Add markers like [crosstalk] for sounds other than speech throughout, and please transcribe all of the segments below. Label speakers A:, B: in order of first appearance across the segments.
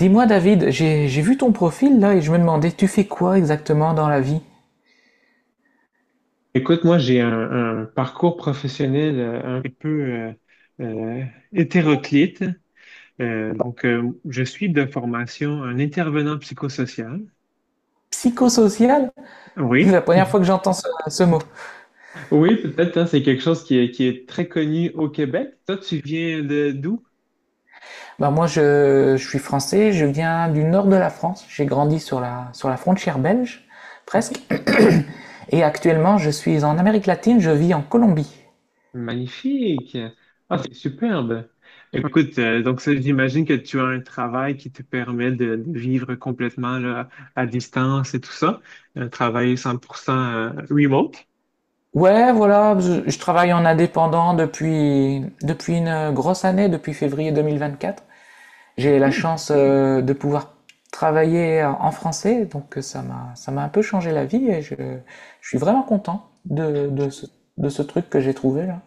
A: Dis-moi David, j'ai vu ton profil là et je me demandais, tu fais quoi exactement dans la vie?
B: Écoute, moi, j'ai un parcours professionnel un peu euh, hétéroclite. Donc, je suis de formation un intervenant psychosocial.
A: Psychosocial? C'est la
B: Oui,
A: première fois que j'entends ce mot.
B: oui, peut-être, hein, c'est quelque chose qui est très connu au Québec. Toi, tu viens de d'où?
A: Bah moi je suis français, je viens du nord de la France, j'ai grandi sur la frontière belge, presque,
B: OK, ouais.
A: et actuellement je suis en Amérique latine, je vis en Colombie.
B: Magnifique. Ah, c'est superbe. Écoute, donc ça, j'imagine que tu as un travail qui te permet de vivre complètement là, à distance et tout ça. Un travail 100% remote.
A: Ouais, voilà, je travaille en indépendant depuis une grosse année, depuis février 2024. J'ai la
B: OK.
A: chance de pouvoir travailler en français, donc ça m'a un peu changé la vie et je suis vraiment content de ce truc que j'ai trouvé là.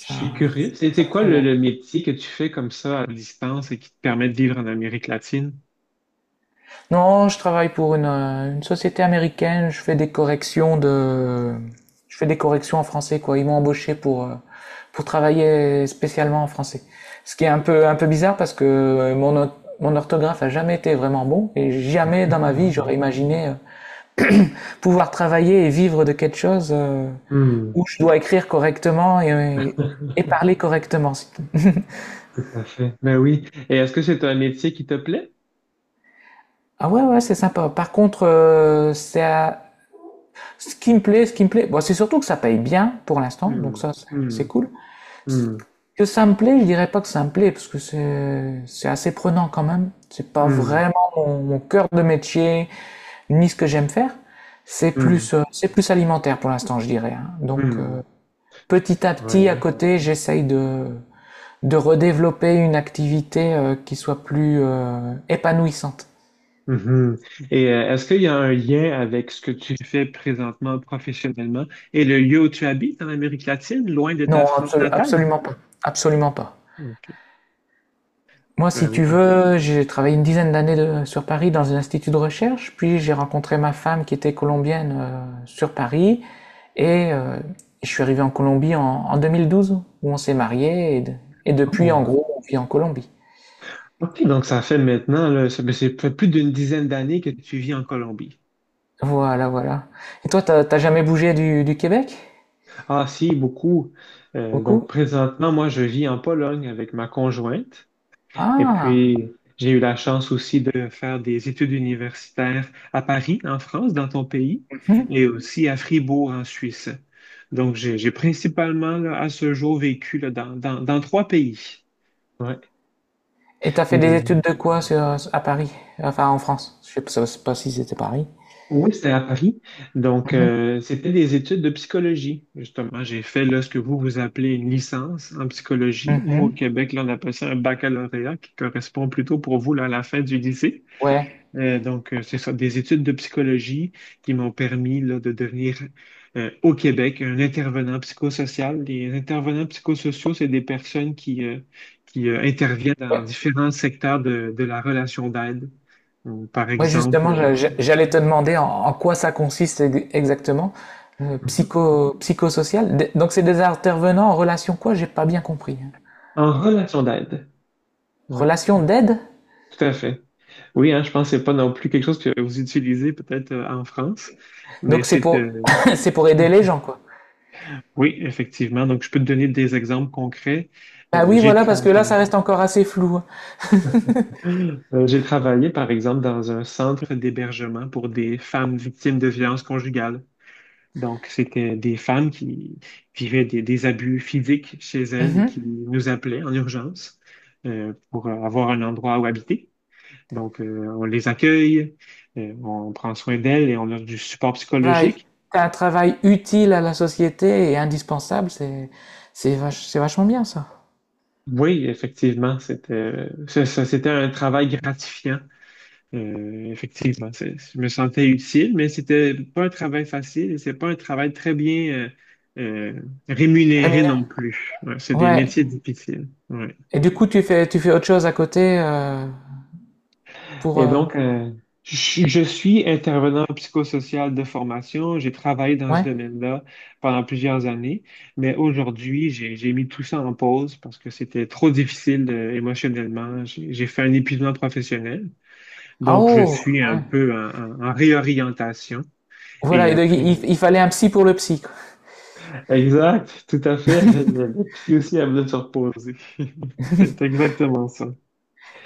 B: Je suis curieux. C'est
A: ça
B: c'est
A: me
B: quoi
A: plaît
B: le,
A: bien.
B: le métier que tu fais comme ça à distance et qui te permet de vivre en Amérique latine?
A: Non, je travaille pour une société américaine, je fais des corrections de je fais des corrections en français quoi. Ils m'ont embauché pour travailler spécialement en français. Ce qui est un peu bizarre parce que mon orthographe a jamais été vraiment bon et jamais dans ma vie j'aurais imaginé pouvoir travailler et vivre de quelque chose
B: Hmm,
A: où je dois écrire correctement et
B: [laughs]
A: parler correctement.
B: tout à fait. Ben oui. Et est-ce que c'est un métier qui te plaît?
A: Ah ouais, ouais, c'est sympa. Par contre, ce qui me plaît, ce qui me plaît. Bon, c'est surtout que ça paye bien pour l'instant, donc
B: Hmm,
A: ça,
B: hmm,
A: cool.
B: hmm,
A: Que ça me plaît, je dirais pas que ça me plaît parce que c'est assez prenant quand même. C'est pas
B: hmm,
A: vraiment mon, mon cœur de métier ni ce que j'aime faire. C'est plus alimentaire pour l'instant, je dirais. Hein. Donc
B: hmm, hmm.
A: petit à petit, à
B: Ouais.
A: côté, j'essaye de redévelopper une activité qui soit plus épanouissante.
B: Mhm. Et est-ce qu'il y a un lien avec ce que tu fais présentement professionnellement et le lieu où tu habites en Amérique latine, loin de
A: Non,
B: ta France natale?
A: absolument pas. Absolument pas.
B: OK.
A: Moi,
B: Ben
A: si
B: oui,
A: tu veux, j'ai travaillé une dizaine d'années sur Paris dans un institut de recherche, puis j'ai rencontré ma femme qui était colombienne sur Paris, et je suis arrivé en Colombie en 2012, où on s'est mariés, et et depuis, en
B: oh.
A: gros, on vit en Colombie.
B: OK, donc ça fait maintenant, là, ça, ben, c'est fait plus d'une dizaine d'années que tu vis en Colombie.
A: Voilà, voilà. Et toi, t'as jamais bougé du Québec?
B: Ah si, beaucoup. Donc
A: Beaucoup?
B: présentement, moi, je vis en Pologne avec ma conjointe. Et
A: Ah!
B: puis, j'ai eu la chance aussi de faire des études universitaires à Paris, en France, dans ton pays,
A: Hmm.
B: et aussi à Fribourg, en Suisse. Donc, j'ai principalement, là, à ce jour, vécu là, dans trois pays. Ouais.
A: Et t'as fait des études
B: Mais-
A: de quoi sur, à Paris? Enfin, en France. Je sais pas si c'était Paris.
B: oui, c'était à Paris. Donc,
A: Mhm.
B: c'était des études de psychologie, justement. J'ai fait là, ce que vous, vous appelez une licence en psychologie. Nous, au
A: Mhm.
B: Québec, là, on appelle ça un baccalauréat qui correspond plutôt pour vous là, à la fin du lycée.
A: Ouais.
B: Donc, c'est ça, des études de psychologie qui m'ont permis là, de devenir au Québec un intervenant psychosocial. Les intervenants psychosociaux, c'est des personnes qui interviennent dans
A: Ouais.
B: différents secteurs de la relation d'aide. Donc, par
A: Ouais,
B: exemple,
A: justement, j'allais te demander en quoi ça consiste exactement,
B: Mhm.
A: psychosocial. D- Donc, c'est des intervenants en relation quoi? J'ai pas bien compris.
B: En relation d'aide. Oui,
A: Relation d'aide?
B: tout à fait. Oui, hein, je pense que c'est pas non plus quelque chose que vous utilisez peut-être en France, mais
A: Donc, c'est
B: c'est
A: pour, [laughs] [coughs] c'est pour aider les gens, quoi.
B: oui, effectivement. Donc, je peux te donner des exemples concrets.
A: Bah
B: Euh,
A: oui,
B: j'ai
A: voilà, parce que
B: travaillé.
A: là, ça reste encore assez flou.
B: J'ai travaillé, par exemple, dans un centre d'hébergement pour des femmes victimes de violences conjugales. Donc, c'était des femmes qui vivaient des abus physiques chez elles et qui
A: Mhm.
B: nous appelaient en urgence pour avoir un endroit où habiter. Donc, on les accueille, on prend soin d'elles et on leur du support
A: Travail-
B: psychologique.
A: T'as un travail utile à la société et indispensable, c'est, c'est c'est vachement bien, ça.
B: Oui, effectivement, c'était c'était un travail gratifiant. Effectivement, je me sentais utile, mais c'était pas un travail facile et c'est pas un travail très bien euh, rémunéré non
A: Rémunération.
B: plus. Ouais, c'est des
A: Ouais.
B: métiers difficiles. Ouais.
A: Et du coup, tu fais autre chose à côté pour.
B: Et donc, je suis intervenant psychosocial de formation. J'ai travaillé dans ce
A: Ouais.
B: domaine-là pendant plusieurs années, mais aujourd'hui, j'ai mis tout ça en pause parce que c'était trop difficile émotionnellement. J'ai fait un épuisement professionnel,
A: Ah
B: donc je
A: oh!
B: suis un
A: Ouais.
B: peu en réorientation. Et
A: Voilà, et
B: euh,
A: donc il fallait un psy pour le psy. Quoi.
B: Exact, tout à fait. Le psy aussi a besoin de se reposer. [laughs] C'est exactement ça.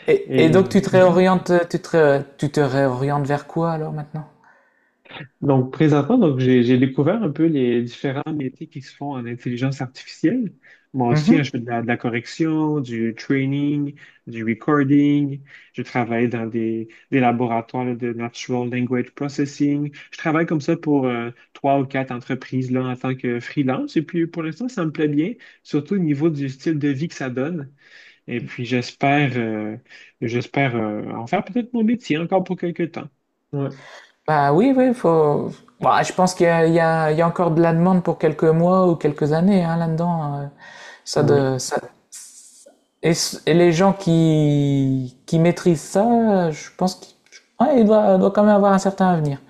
A: Et donc
B: Et
A: tu te réorientes, tu te réorientes vers quoi alors maintenant?
B: donc, présentement, donc, j'ai découvert un peu les différents métiers qui se font en intelligence artificielle. Moi aussi, hein,
A: Mhm.
B: je fais de la correction, du training, du recording. Je travaille dans des laboratoires là, de natural language processing. Je travaille comme ça pour trois ou quatre entreprises là, en tant que freelance. Et puis, pour l'instant, ça me plaît bien, surtout au niveau du style de vie que ça donne. Et puis j'espère en faire peut-être mon métier encore pour quelques temps. Ouais,
A: Bah oui, oui, faut. Bah, je pense qu' il y a encore de la demande pour quelques mois ou quelques années hein, là-dedans. Ça
B: ouais.
A: de, ça... Et, et les gens qui maîtrisent ça, je pense qu'ils ouais, doit quand même avoir un certain avenir.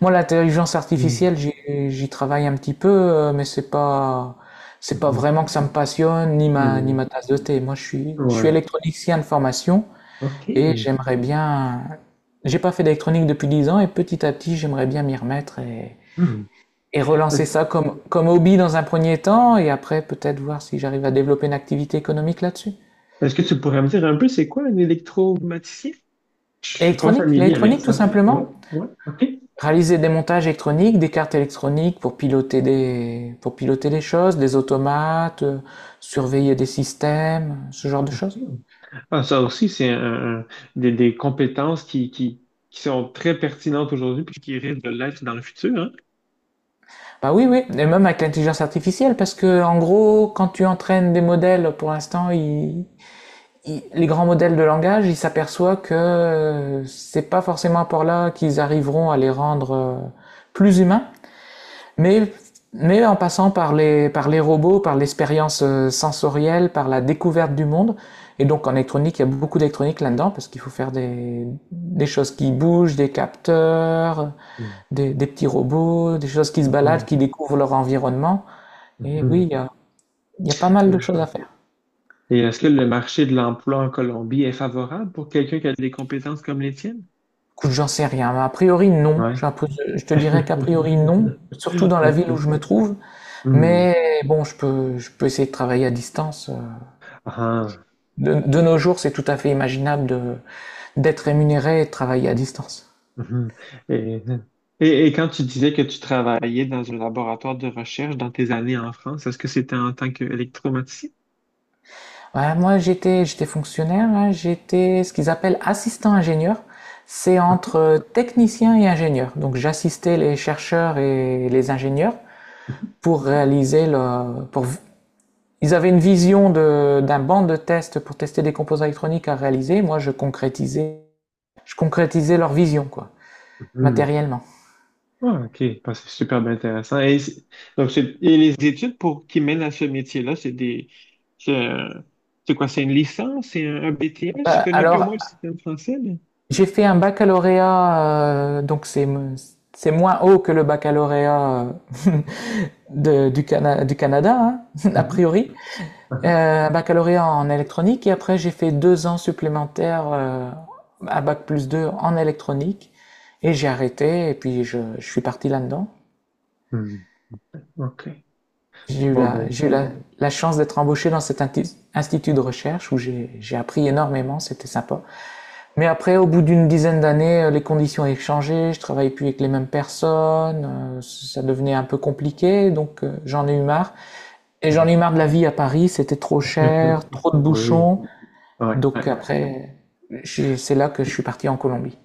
A: Moi, l'intelligence
B: Mm,
A: artificielle, j'y travaille un petit peu, mais c'est pas
B: mhm,
A: vraiment que ça me passionne, ni
B: mm,
A: ma tasse de thé. Moi, je suis
B: ouais.
A: électronicien de formation et
B: OK.
A: j'aimerais bien, j'ai pas fait d'électronique depuis 10 ans et petit à petit, j'aimerais bien m'y remettre
B: Mm.
A: et relancer
B: Est-ce
A: ça comme, comme hobby dans un premier temps et après peut-être voir si j'arrive à développer une activité économique là-dessus.
B: est-ce que tu pourrais me dire un peu c'est quoi un électromaticien? Je suis pas
A: L'électronique,
B: familier avec
A: l'électronique tout
B: ça. Ouais,
A: simplement.
B: ouais, OK.
A: Réaliser des montages électroniques, des cartes électroniques pour piloter des choses, des automates, surveiller des systèmes, ce genre de
B: OK.
A: choses.
B: Ah, ça aussi, c'est des compétences qui sont très pertinentes aujourd'hui puis qui risquent de l'être dans le futur, hein?
A: Bah oui, oui, et même avec l'intelligence artificielle, parce que en gros, quand tu entraînes des modèles, pour l'instant, les grands modèles de langage, ils s'aperçoivent que c'est pas forcément par là qu'ils arriveront à les rendre plus humains, Mais, mais en passant par les robots, par l'expérience sensorielle, par la découverte du monde, et donc en électronique, il y a beaucoup d'électronique là-dedans, parce qu'il faut faire des choses qui bougent, des capteurs,
B: Mm,
A: des petits robots, des choses qui se baladent, qui découvrent leur environnement. Et oui,
B: mhm,
A: il y a pas mal de
B: mhm.
A: choses à faire.
B: Et est-ce que le marché de l'emploi en Colombie est favorable pour quelqu'un qui a des compétences comme les tiennes?
A: Écoute, j'en sais rien. A priori, non.
B: Ouais.
A: Je te dirais qu'a priori, non.
B: [laughs]
A: Surtout dans la
B: Ok.
A: ville où je me trouve.
B: Hmm.
A: Mais bon, je peux essayer de travailler à distance.
B: Ah.
A: De nos jours, c'est tout à fait imaginable de, d'être rémunéré et de travailler à distance.
B: Mhm. Et, et quand tu disais que tu travaillais dans un laboratoire de recherche dans tes années en France, est-ce que c'était en tant qu'électromaticien?
A: Ouais, moi, j'étais fonctionnaire, hein, j'étais ce qu'ils appellent assistant ingénieur. C'est entre technicien et ingénieur. Donc, j'assistais les chercheurs et les ingénieurs pour réaliser le, pour, ils avaient une vision de, d'un banc de test pour tester des composants électroniques à réaliser. Moi, je concrétisais leur vision, quoi, matériellement.
B: Ah, ok, bah, c'est super bien intéressant. Et, et les études pour qui mènent à ce métier-là, c'est un- c'est quoi, c'est une licence, c'est un BTS? Je connais un peu au
A: Alors,
B: moins le système français, mais.
A: j'ai fait un baccalauréat, donc c'est moins haut que le baccalauréat [laughs] du, du Canada, hein, [laughs] a
B: Mhm.
A: priori.
B: Aha.
A: Un baccalauréat en électronique et après j'ai fait deux ans supplémentaires à bac plus 2 en électronique et j'ai arrêté et puis je suis parti là-dedans.
B: Hmm. OK. Bon, ben.
A: J'ai eu la, la chance d'être embauché dans cet institut de recherche où j'ai appris énormément, c'était sympa. Mais après, au bout d'une dizaine d'années, les conditions avaient changé, je travaillais plus avec les mêmes personnes, ça devenait un peu compliqué, donc j'en ai eu marre. Et j'en ai
B: Mhm.
A: eu marre de la vie à Paris, c'était trop cher,
B: [laughs]
A: trop de
B: Oui.
A: bouchons,
B: Ouais, ouais.
A: donc après, c'est là que je suis parti en Colombie.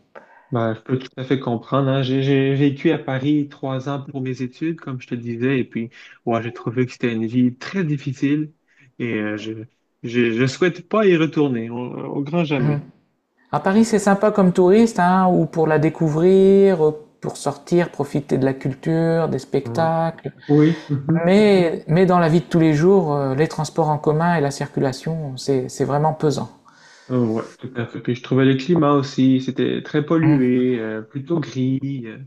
B: Ben, je peux tout à fait comprendre, hein. J'ai vécu à Paris 3 ans pour mes études, comme je te disais, et puis ouais, j'ai trouvé que c'était une vie très difficile et je souhaite pas y retourner au grand jamais.
A: Mhm. À Paris, c'est sympa comme touriste, hein, ou pour la découvrir, pour sortir, profiter de la culture, des spectacles.
B: Oui, mhm.
A: Mais dans la vie de tous les jours, les transports en commun et la circulation, c'est vraiment pesant.
B: Ouais, tout à fait. Puis je trouvais le climat aussi, c'était très
A: Mhm.
B: pollué, plutôt gris. euh.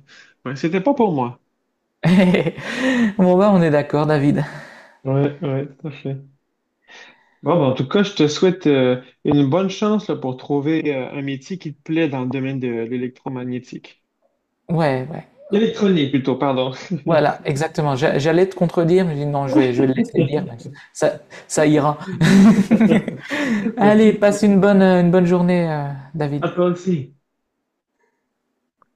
B: Ouais, c'était pas pour moi.
A: [laughs] Bon bah on est d'accord David.
B: Ouais, ouais, tout à fait. Bon, ben, en tout cas, je te souhaite une bonne chance là, pour trouver un métier qui te plaît dans le domaine de l'électromagnétique.
A: Ouais, ouais.
B: Électronique, plutôt, pardon.
A: Voilà, exactement. J'allais te contredire, mais je dis non, je vais le laisser dire.
B: [laughs]
A: Mais Ça, ça ira. [laughs] Allez,
B: Merci.
A: passe une bonne journée,
B: À
A: David.
B: toi aussi.